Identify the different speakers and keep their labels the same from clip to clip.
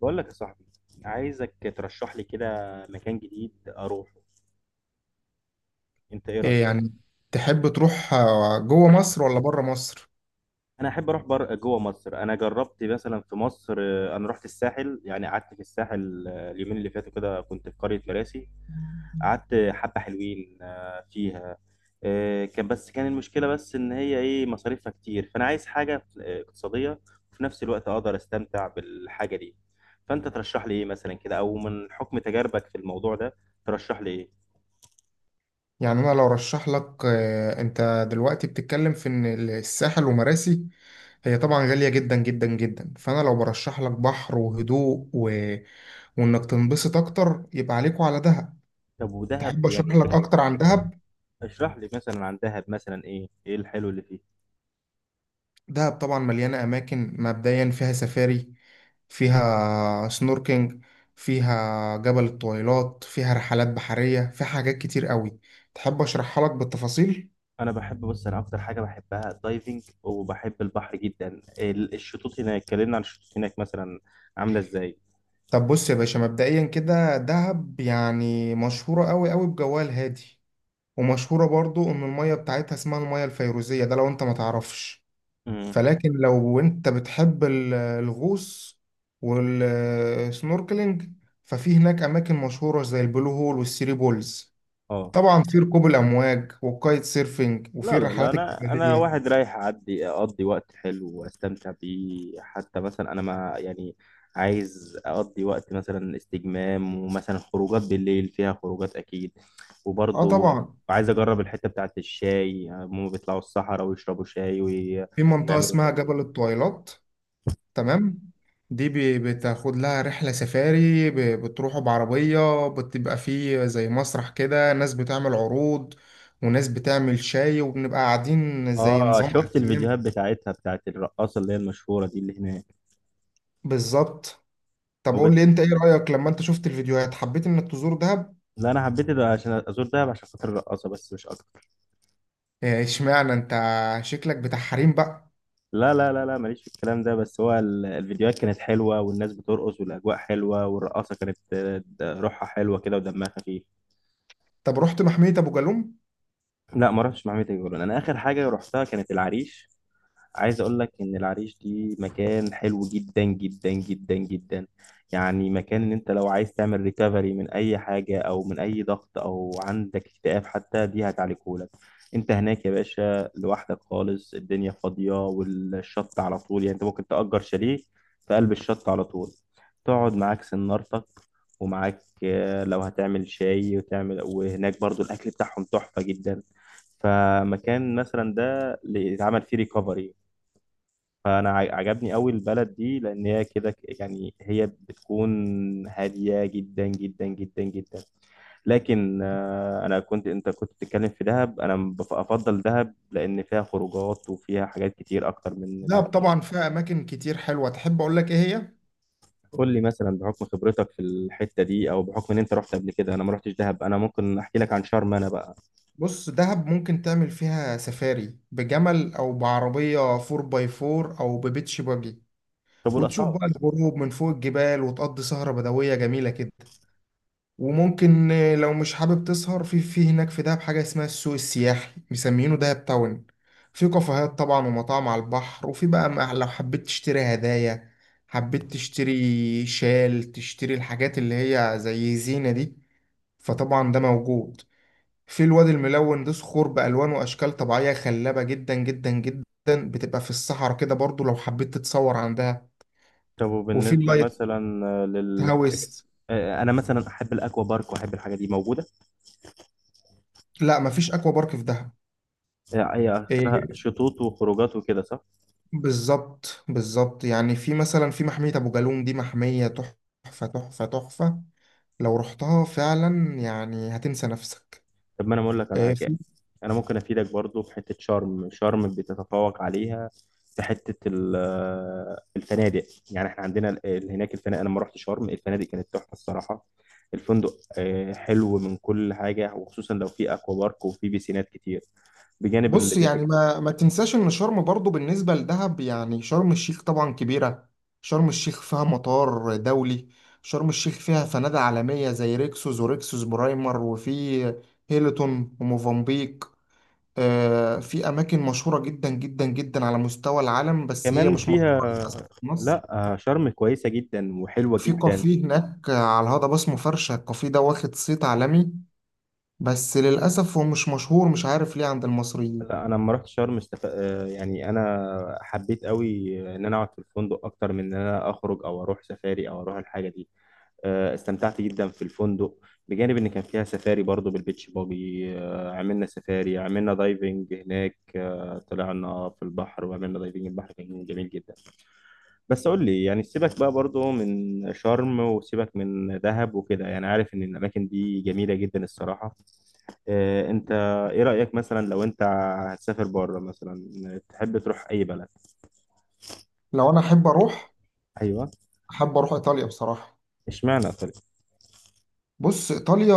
Speaker 1: بقول لك يا صاحبي، عايزك ترشح لي كده مكان جديد اروحه. انت ايه
Speaker 2: إيه
Speaker 1: رايك؟
Speaker 2: يعني تحب تروح جوه مصر ولا بره مصر؟
Speaker 1: انا احب اروح جوه مصر. انا جربت مثلا في مصر، انا رحت الساحل، يعني قعدت في الساحل، اليومين اللي فاتوا كده كنت في قريه مراسي. قعدت حبه حلوين فيها. كان، بس كان المشكله بس ان هي ايه مصاريفها كتير، فانا عايز حاجه اقتصاديه، وفي نفس الوقت اقدر استمتع بالحاجه دي. فانت ترشح لي ايه مثلا كده، او من حكم تجاربك في الموضوع ده ترشح لي ايه؟
Speaker 2: يعني انا لو رشح لك، انت دلوقتي بتتكلم في ان الساحل ومراسي. هي طبعا غالية جدا جدا جدا، فانا لو برشح لك بحر وهدوء وانك تنبسط اكتر، يبقى عليكوا على دهب.
Speaker 1: طب ودهب
Speaker 2: تحب اشرح
Speaker 1: يعني؟
Speaker 2: لك اكتر عن دهب؟
Speaker 1: اشرح لي مثلا عن دهب، مثلا ايه الحلو اللي فيه؟
Speaker 2: دهب طبعا مليانة أماكن، مبدئيا فيها سفاري، فيها سنوركينج، فيها جبل الطويلات، فيها رحلات بحرية، فيها حاجات كتير قوي. تحب أشرحها لك بالتفاصيل؟
Speaker 1: انا بحب، بص انا اكتر حاجه بحبها الدايفنج، وبحب البحر جدا. الشطوط هناك، اتكلمنا عن الشطوط هناك، مثلا عامله ازاي؟
Speaker 2: طب بص يا باشا، مبدئيا كده دهب يعني مشهورة قوي قوي بجوها الهادي، ومشهورة برضو إن المية بتاعتها اسمها المية الفيروزية، ده لو أنت ما تعرفش.
Speaker 1: امم
Speaker 2: فلكن لو انت بتحب الغوص والسنوركلينج، ففي هناك اماكن مشهوره زي البلو هول والثري بولز.
Speaker 1: اه،
Speaker 2: طبعا في ركوب الامواج والكايت سيرفينج، وفي
Speaker 1: لا لا لا،
Speaker 2: الرحلات
Speaker 1: انا
Speaker 2: الجبليه.
Speaker 1: واحد رايح اعدي اقضي وقت حلو واستمتع بيه، حتى مثلا انا ما يعني. عايز اقضي وقت مثلا استجمام، ومثلا خروجات بالليل، فيها خروجات اكيد.
Speaker 2: اه
Speaker 1: وبرضه
Speaker 2: طبعا،
Speaker 1: عايز اجرب الحته بتاعت الشاي، يعني هما بيطلعوا الصحراء ويشربوا شاي
Speaker 2: في منطقه
Speaker 1: ويعملوا
Speaker 2: اسمها جبل
Speaker 1: تمرين.
Speaker 2: الطويلات. تمام، دي بتاخد لها رحله سفاري، بتروحوا بعربيه، بتبقى فيه زي مسرح كده، ناس بتعمل عروض وناس بتعمل شاي، وبنبقى قاعدين زي
Speaker 1: اه،
Speaker 2: نظام
Speaker 1: شفت
Speaker 2: ايام.
Speaker 1: الفيديوهات بتاعتها، بتاعت الرقاصه اللي هي المشهوره دي اللي هناك.
Speaker 2: بالظبط. طب
Speaker 1: هو،
Speaker 2: قول لي انت ايه رأيك لما انت شفت الفيديوهات حبيت انك تزور دهب؟
Speaker 1: لا انا حبيت ده عشان ازور دهب عشان خاطر الرقاصه، بس مش اكتر.
Speaker 2: اشمعنى انت؟ شكلك بتاع حريم بقى.
Speaker 1: لا لا لا لا، ماليش في الكلام ده، بس هو الفيديوهات كانت حلوة والناس بترقص والأجواء حلوة، والرقاصة كانت روحها حلوة كده ودمها خفيف.
Speaker 2: طب رحت محمية ابو جالوم؟
Speaker 1: لا، ما رحتش مع ميتا جولان. أنا آخر حاجة رحتها كانت العريش. عايز اقول لك ان العريش دي مكان حلو جدا جدا جدا جدا. يعني مكان ان انت لو عايز تعمل ريكفري من اي حاجه، او من اي ضغط، او عندك اكتئاب حتى، دي هتعالجهولك. انت هناك يا باشا لوحدك خالص، الدنيا فاضيه والشط على طول، يعني انت ممكن تأجر شاليه في قلب الشط على طول، تقعد معاك سنارتك، ومعاك لو هتعمل شاي وتعمل، وهناك برضو الاكل بتاعهم تحفه جدا. فمكان مثلا ده اللي يتعمل فيه ريكفري. فانا عجبني قوي البلد دي، لان هي كده يعني هي بتكون هاديه جدا جدا جدا جدا. لكن انا كنت، انت كنت بتتكلم في دهب، انا افضل دهب لان فيها خروجات وفيها حاجات كتير اكتر من
Speaker 2: دهب
Speaker 1: العريش.
Speaker 2: طبعا فيها اماكن كتير حلوة، تحب اقول لك ايه هي؟
Speaker 1: قول لي مثلا بحكم خبرتك في الحته دي، او بحكم ان انت رحت قبل كده، انا ما رحتش دهب، انا ممكن احكي لك عن شرم انا بقى.
Speaker 2: بص، دهب ممكن تعمل فيها سفاري بجمل او بعربية 4 باي 4 او ببيتش باجي،
Speaker 1: طب
Speaker 2: وتشوف
Speaker 1: والاسعار؟
Speaker 2: بقى الغروب من فوق الجبال، وتقضي سهرة بدوية جميلة كده. وممكن لو مش حابب تسهر في هناك في دهب، حاجة اسمها السوق السياحي مسمينه دهب تاون. في كافيهات طبعا ومطاعم على البحر، وفي بقى لو حبيت تشتري هدايا، حبيت تشتري شال، تشتري الحاجات اللي هي زي زينة دي، فطبعا ده موجود. في الوادي الملون، ده صخور بألوان وأشكال طبيعية خلابة جدا جدا جدا، بتبقى في الصحراء كده، برضو لو حبيت تتصور عندها.
Speaker 1: طب
Speaker 2: وفي
Speaker 1: وبالنسبه
Speaker 2: اللايت
Speaker 1: مثلا لل...
Speaker 2: هاوس.
Speaker 1: انا مثلا احب الاكوا بارك، واحب الحاجه دي موجوده.
Speaker 2: لا، مفيش أكوا بارك في دهب.
Speaker 1: هي اخرها
Speaker 2: إيه،
Speaker 1: شطوط وخروجات وكده، صح؟
Speaker 2: بالظبط بالظبط. يعني في مثلا في محمية أبو جالوم، دي محمية تحفة تحفة تحفة، لو رحتها فعلا يعني هتنسى نفسك.
Speaker 1: طب ما انا اقول لك على
Speaker 2: آه،
Speaker 1: حاجه.
Speaker 2: في
Speaker 1: انا ممكن افيدك برضو في حته شرم، شرم بتتفوق عليها في حته الفنادق. يعني احنا عندنا هناك الفنادق. انا لما رحت شرم الفنادق كانت تحفه الصراحه. الفندق حلو من كل حاجه، وخصوصا لو في اكوا بارك وفي بيسينات كتير بجانب اللي
Speaker 2: بص
Speaker 1: بيبقى
Speaker 2: يعني ما تنساش إن شرم برضو بالنسبة لدهب، يعني شرم الشيخ طبعا كبيرة. شرم الشيخ فيها مطار دولي، شرم الشيخ فيها فنادق عالمية زي ريكسوس وريكسوس برايمر، وفي هيلتون وموفنبيك. في أماكن مشهورة جدا جدا جدا على مستوى العالم، بس هي
Speaker 1: كمان
Speaker 2: مش مشهورة
Speaker 1: فيها.
Speaker 2: للأسف في مصر.
Speaker 1: لا، شرم كويسه جدا وحلوه
Speaker 2: في
Speaker 1: جدا.
Speaker 2: كافيه هناك على الهضبة اسمه فرشة، الكافيه ده واخد صيت عالمي، بس للأسف هو مش مشهور، مش عارف ليه، عند المصريين.
Speaker 1: لا، انا لما رحت شرم استف... آه، يعني انا حبيت قوي ان انا اقعد في الفندق اكتر من ان انا اخرج او اروح سفاري او اروح الحاجه دي. استمتعت جدا في الفندق، بجانب ان كان فيها سفاري برضو بالبيتش باجي. عملنا سفاري، عملنا دايفنج هناك. طلعنا في البحر وعملنا دايفنج، البحر كان جميل جدا. بس قول لي يعني، سيبك بقى برضو من شرم، وسيبك من دهب وكده، يعني عارف ان الاماكن دي جميله جدا الصراحه. إيه انت؟ ايه رأيك مثلا لو انت هتسافر بره مثلا تحب تروح اي بلد؟
Speaker 2: لو أنا أحب أروح،
Speaker 1: ايوه.
Speaker 2: أحب أروح إيطاليا بصراحة.
Speaker 1: اشمعنى ايطاليا؟
Speaker 2: بص، إيطاليا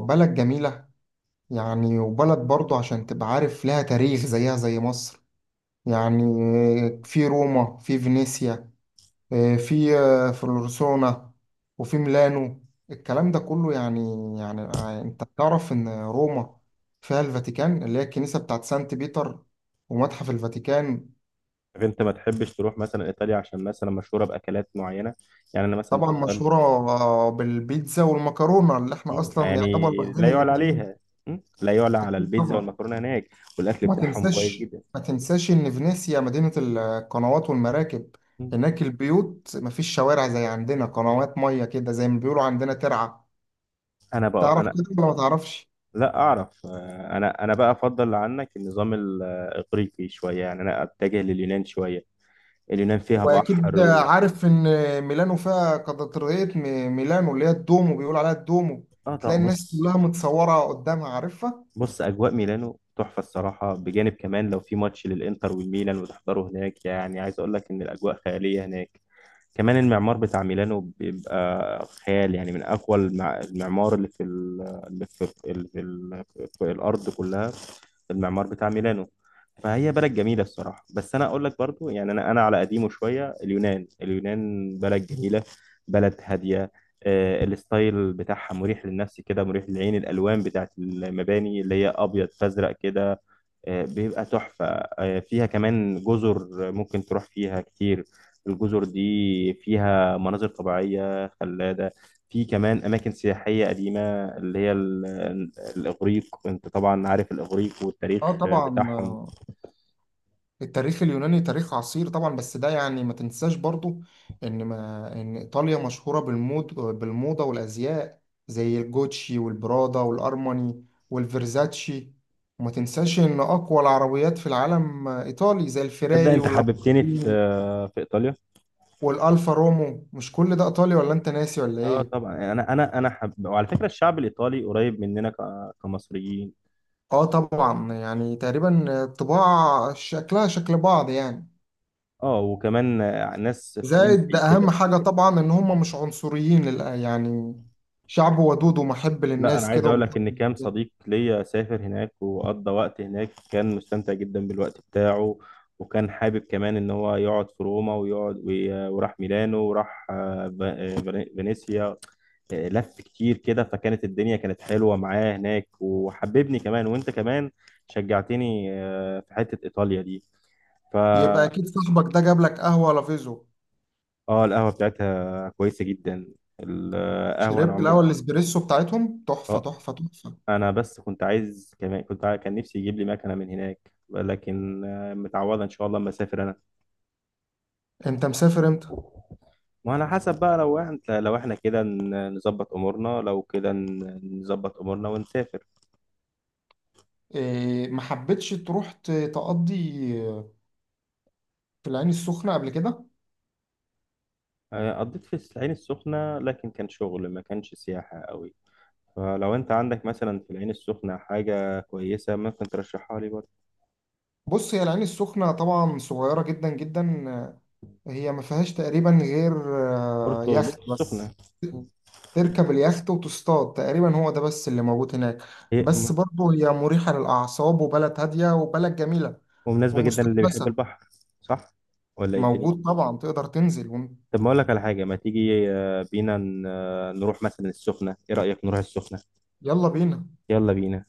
Speaker 2: بلد جميلة، يعني وبلد برضو عشان تبقى عارف لها تاريخ زيها زي مصر. يعني في روما، في فينيسيا، في فلورسونا، وفي ميلانو، الكلام ده كله. يعني يعني انت تعرف ان روما فيها الفاتيكان اللي هي الكنيسة بتاعت سانت بيتر، ومتحف الفاتيكان.
Speaker 1: طب انت ما تحبش تروح مثلا ايطاليا عشان مثلا مشهورة باكلات معينة؟ يعني انا مثلا في
Speaker 2: طبعا
Speaker 1: ايطاليا.
Speaker 2: مشهورة بالبيتزا والمكرونة، اللي احنا اصلا
Speaker 1: يعني
Speaker 2: يعتبر واخدين
Speaker 1: لا يعلى
Speaker 2: الاتنين منهم.
Speaker 1: عليها. لا يعلى على
Speaker 2: اكيد
Speaker 1: البيتزا
Speaker 2: طبعا.
Speaker 1: والمكرونة هناك. والاكل
Speaker 2: ما
Speaker 1: بتاعهم كويس
Speaker 2: تنساش
Speaker 1: جدا.
Speaker 2: ما تنساش ان فينيسيا مدينة القنوات والمراكب.
Speaker 1: مم،
Speaker 2: هناك البيوت مفيش شوارع زي عندنا، قنوات مية كده زي ما بيقولوا عندنا ترعة،
Speaker 1: انا بقى،
Speaker 2: تعرف
Speaker 1: انا
Speaker 2: كده ولا ما تعرفش؟
Speaker 1: لا اعرف. انا بقى افضل عنك النظام الاغريقي شوية، يعني انا اتجه لليونان شوية. اليونان فيها
Speaker 2: واكيد
Speaker 1: بحر و...
Speaker 2: عارف ان ميلانو فيها كاتدرائية ميلانو اللي هي الدومو، بيقول عليها الدومو.
Speaker 1: اه طبعا،
Speaker 2: تلاقي الناس
Speaker 1: بص.
Speaker 2: كلها متصورة قدامها، عارفها.
Speaker 1: بص، اجواء ميلانو تحفه الصراحه، بجانب كمان لو في ماتش للانتر والميلان وتحضره هناك، يعني عايز اقول لك ان الاجواء خياليه هناك. كمان المعمار بتاع ميلانو بيبقى خيال، يعني من اقوى المعمار اللي في ال... اللي في, اللي في, ال... في الارض كلها. المعمار بتاع ميلانو، فهي بلد جميله الصراحه. بس انا اقول لك برضو، يعني انا على قديمه شويه، اليونان، اليونان بلد جميله، بلد هاديه. الستايل بتاعها مريح للنفس كده، مريح للعين، الالوان بتاعت المباني اللي هي ابيض فازرق كده بيبقى تحفه. فيها كمان جزر ممكن تروح فيها كتير. الجزر دي فيها مناظر طبيعيه خلابه. في كمان اماكن سياحيه قديمه، اللي هي الاغريق، انت طبعا عارف الاغريق
Speaker 2: اه
Speaker 1: والتاريخ
Speaker 2: طبعا.
Speaker 1: بتاعهم.
Speaker 2: التاريخ اليوناني تاريخ عصير طبعا، بس ده يعني ما تنساش برضو ان ما ان ايطاليا مشهورة بالمود، بالموضة والازياء، زي الجوتشي والبرادا والارماني والفيرزاتشي. وما تنساش ان اقوى العربيات في العالم ايطالي، زي
Speaker 1: تصدق
Speaker 2: الفيراري
Speaker 1: انت حببتني في،
Speaker 2: واللامبورجيني
Speaker 1: ايطاليا.
Speaker 2: والالفا رومو. مش كل ده ايطالي ولا انت ناسي ولا
Speaker 1: اه
Speaker 2: ايه؟
Speaker 1: طبعا، وعلى فكره الشعب الايطالي قريب مننا كمصريين.
Speaker 2: اه طبعا، يعني تقريبا طباع شكلها شكل بعض يعني.
Speaker 1: اه، وكمان ناس
Speaker 2: زائد ده
Speaker 1: فريندلي
Speaker 2: اهم
Speaker 1: كده.
Speaker 2: حاجة طبعا، ان هم مش عنصريين يعني شعب ودود ومحب
Speaker 1: لا، انا
Speaker 2: للناس
Speaker 1: عايز
Speaker 2: كده،
Speaker 1: اقول لك ان
Speaker 2: ومحب.
Speaker 1: كام صديق ليا سافر هناك، وقضى وقت هناك كان مستمتع جدا بالوقت بتاعه. وكان حابب كمان ان هو يقعد في روما، ويقعد وراح ميلانو، وراح فينيسيا. لف كتير كده، فكانت الدنيا كانت حلوة معاه هناك، وحببني كمان، وانت كمان شجعتني في حتة ايطاليا دي،
Speaker 2: يبقى
Speaker 1: فا...
Speaker 2: اكيد صاحبك ده جاب لك قهوة لافيزو.
Speaker 1: اه، القهوة بتاعتها كويسة جدا. القهوة انا
Speaker 2: شربت
Speaker 1: عمري...
Speaker 2: القهوة الاسبريسو بتاعتهم تحفة
Speaker 1: اه،
Speaker 2: تحفة تحفة.
Speaker 1: انا بس كنت عايز كمان، كنت كان نفسي يجيب لي مكنه من هناك، لكن متعوضه ان شاء الله اما اسافر انا.
Speaker 2: انت مسافر امتى؟
Speaker 1: وعلى حسب بقى، لو احنا كده نظبط امورنا، لو كده نظبط امورنا ونسافر.
Speaker 2: إيه، ما حبيتش تروح تقضي في العين السخنة قبل كده؟
Speaker 1: قضيت في العين السخنه، لكن كان شغل، ما كانش سياحه قوي. فلو انت عندك مثلا في العين السخنه حاجه كويسه، ممكن ترشحها لي برضه.
Speaker 2: بص، هي العين السخنة طبعا صغيرة جدا جدا، هي ما فيهاش تقريبا غير
Speaker 1: بورتو،
Speaker 2: يخت
Speaker 1: بورتو السخنه.
Speaker 2: بس. تركب اليخت وتصطاد، تقريبا هو ده بس اللي موجود هناك.
Speaker 1: هي
Speaker 2: بس
Speaker 1: م-
Speaker 2: برضه هي مريحة للأعصاب، وبلد هادية وبلد جميلة
Speaker 1: ومناسبه جدا للي بيحب
Speaker 2: ومستحدثة.
Speaker 1: البحر. صح، ولا ايه الدنيا؟
Speaker 2: موجود طبعا، تقدر تنزل
Speaker 1: طب ما اقول لك على حاجه، ما تيجي بينا نروح مثلا السخنه، ايه رايك نروح السخنه؟
Speaker 2: يلا بينا.
Speaker 1: يلا بينا.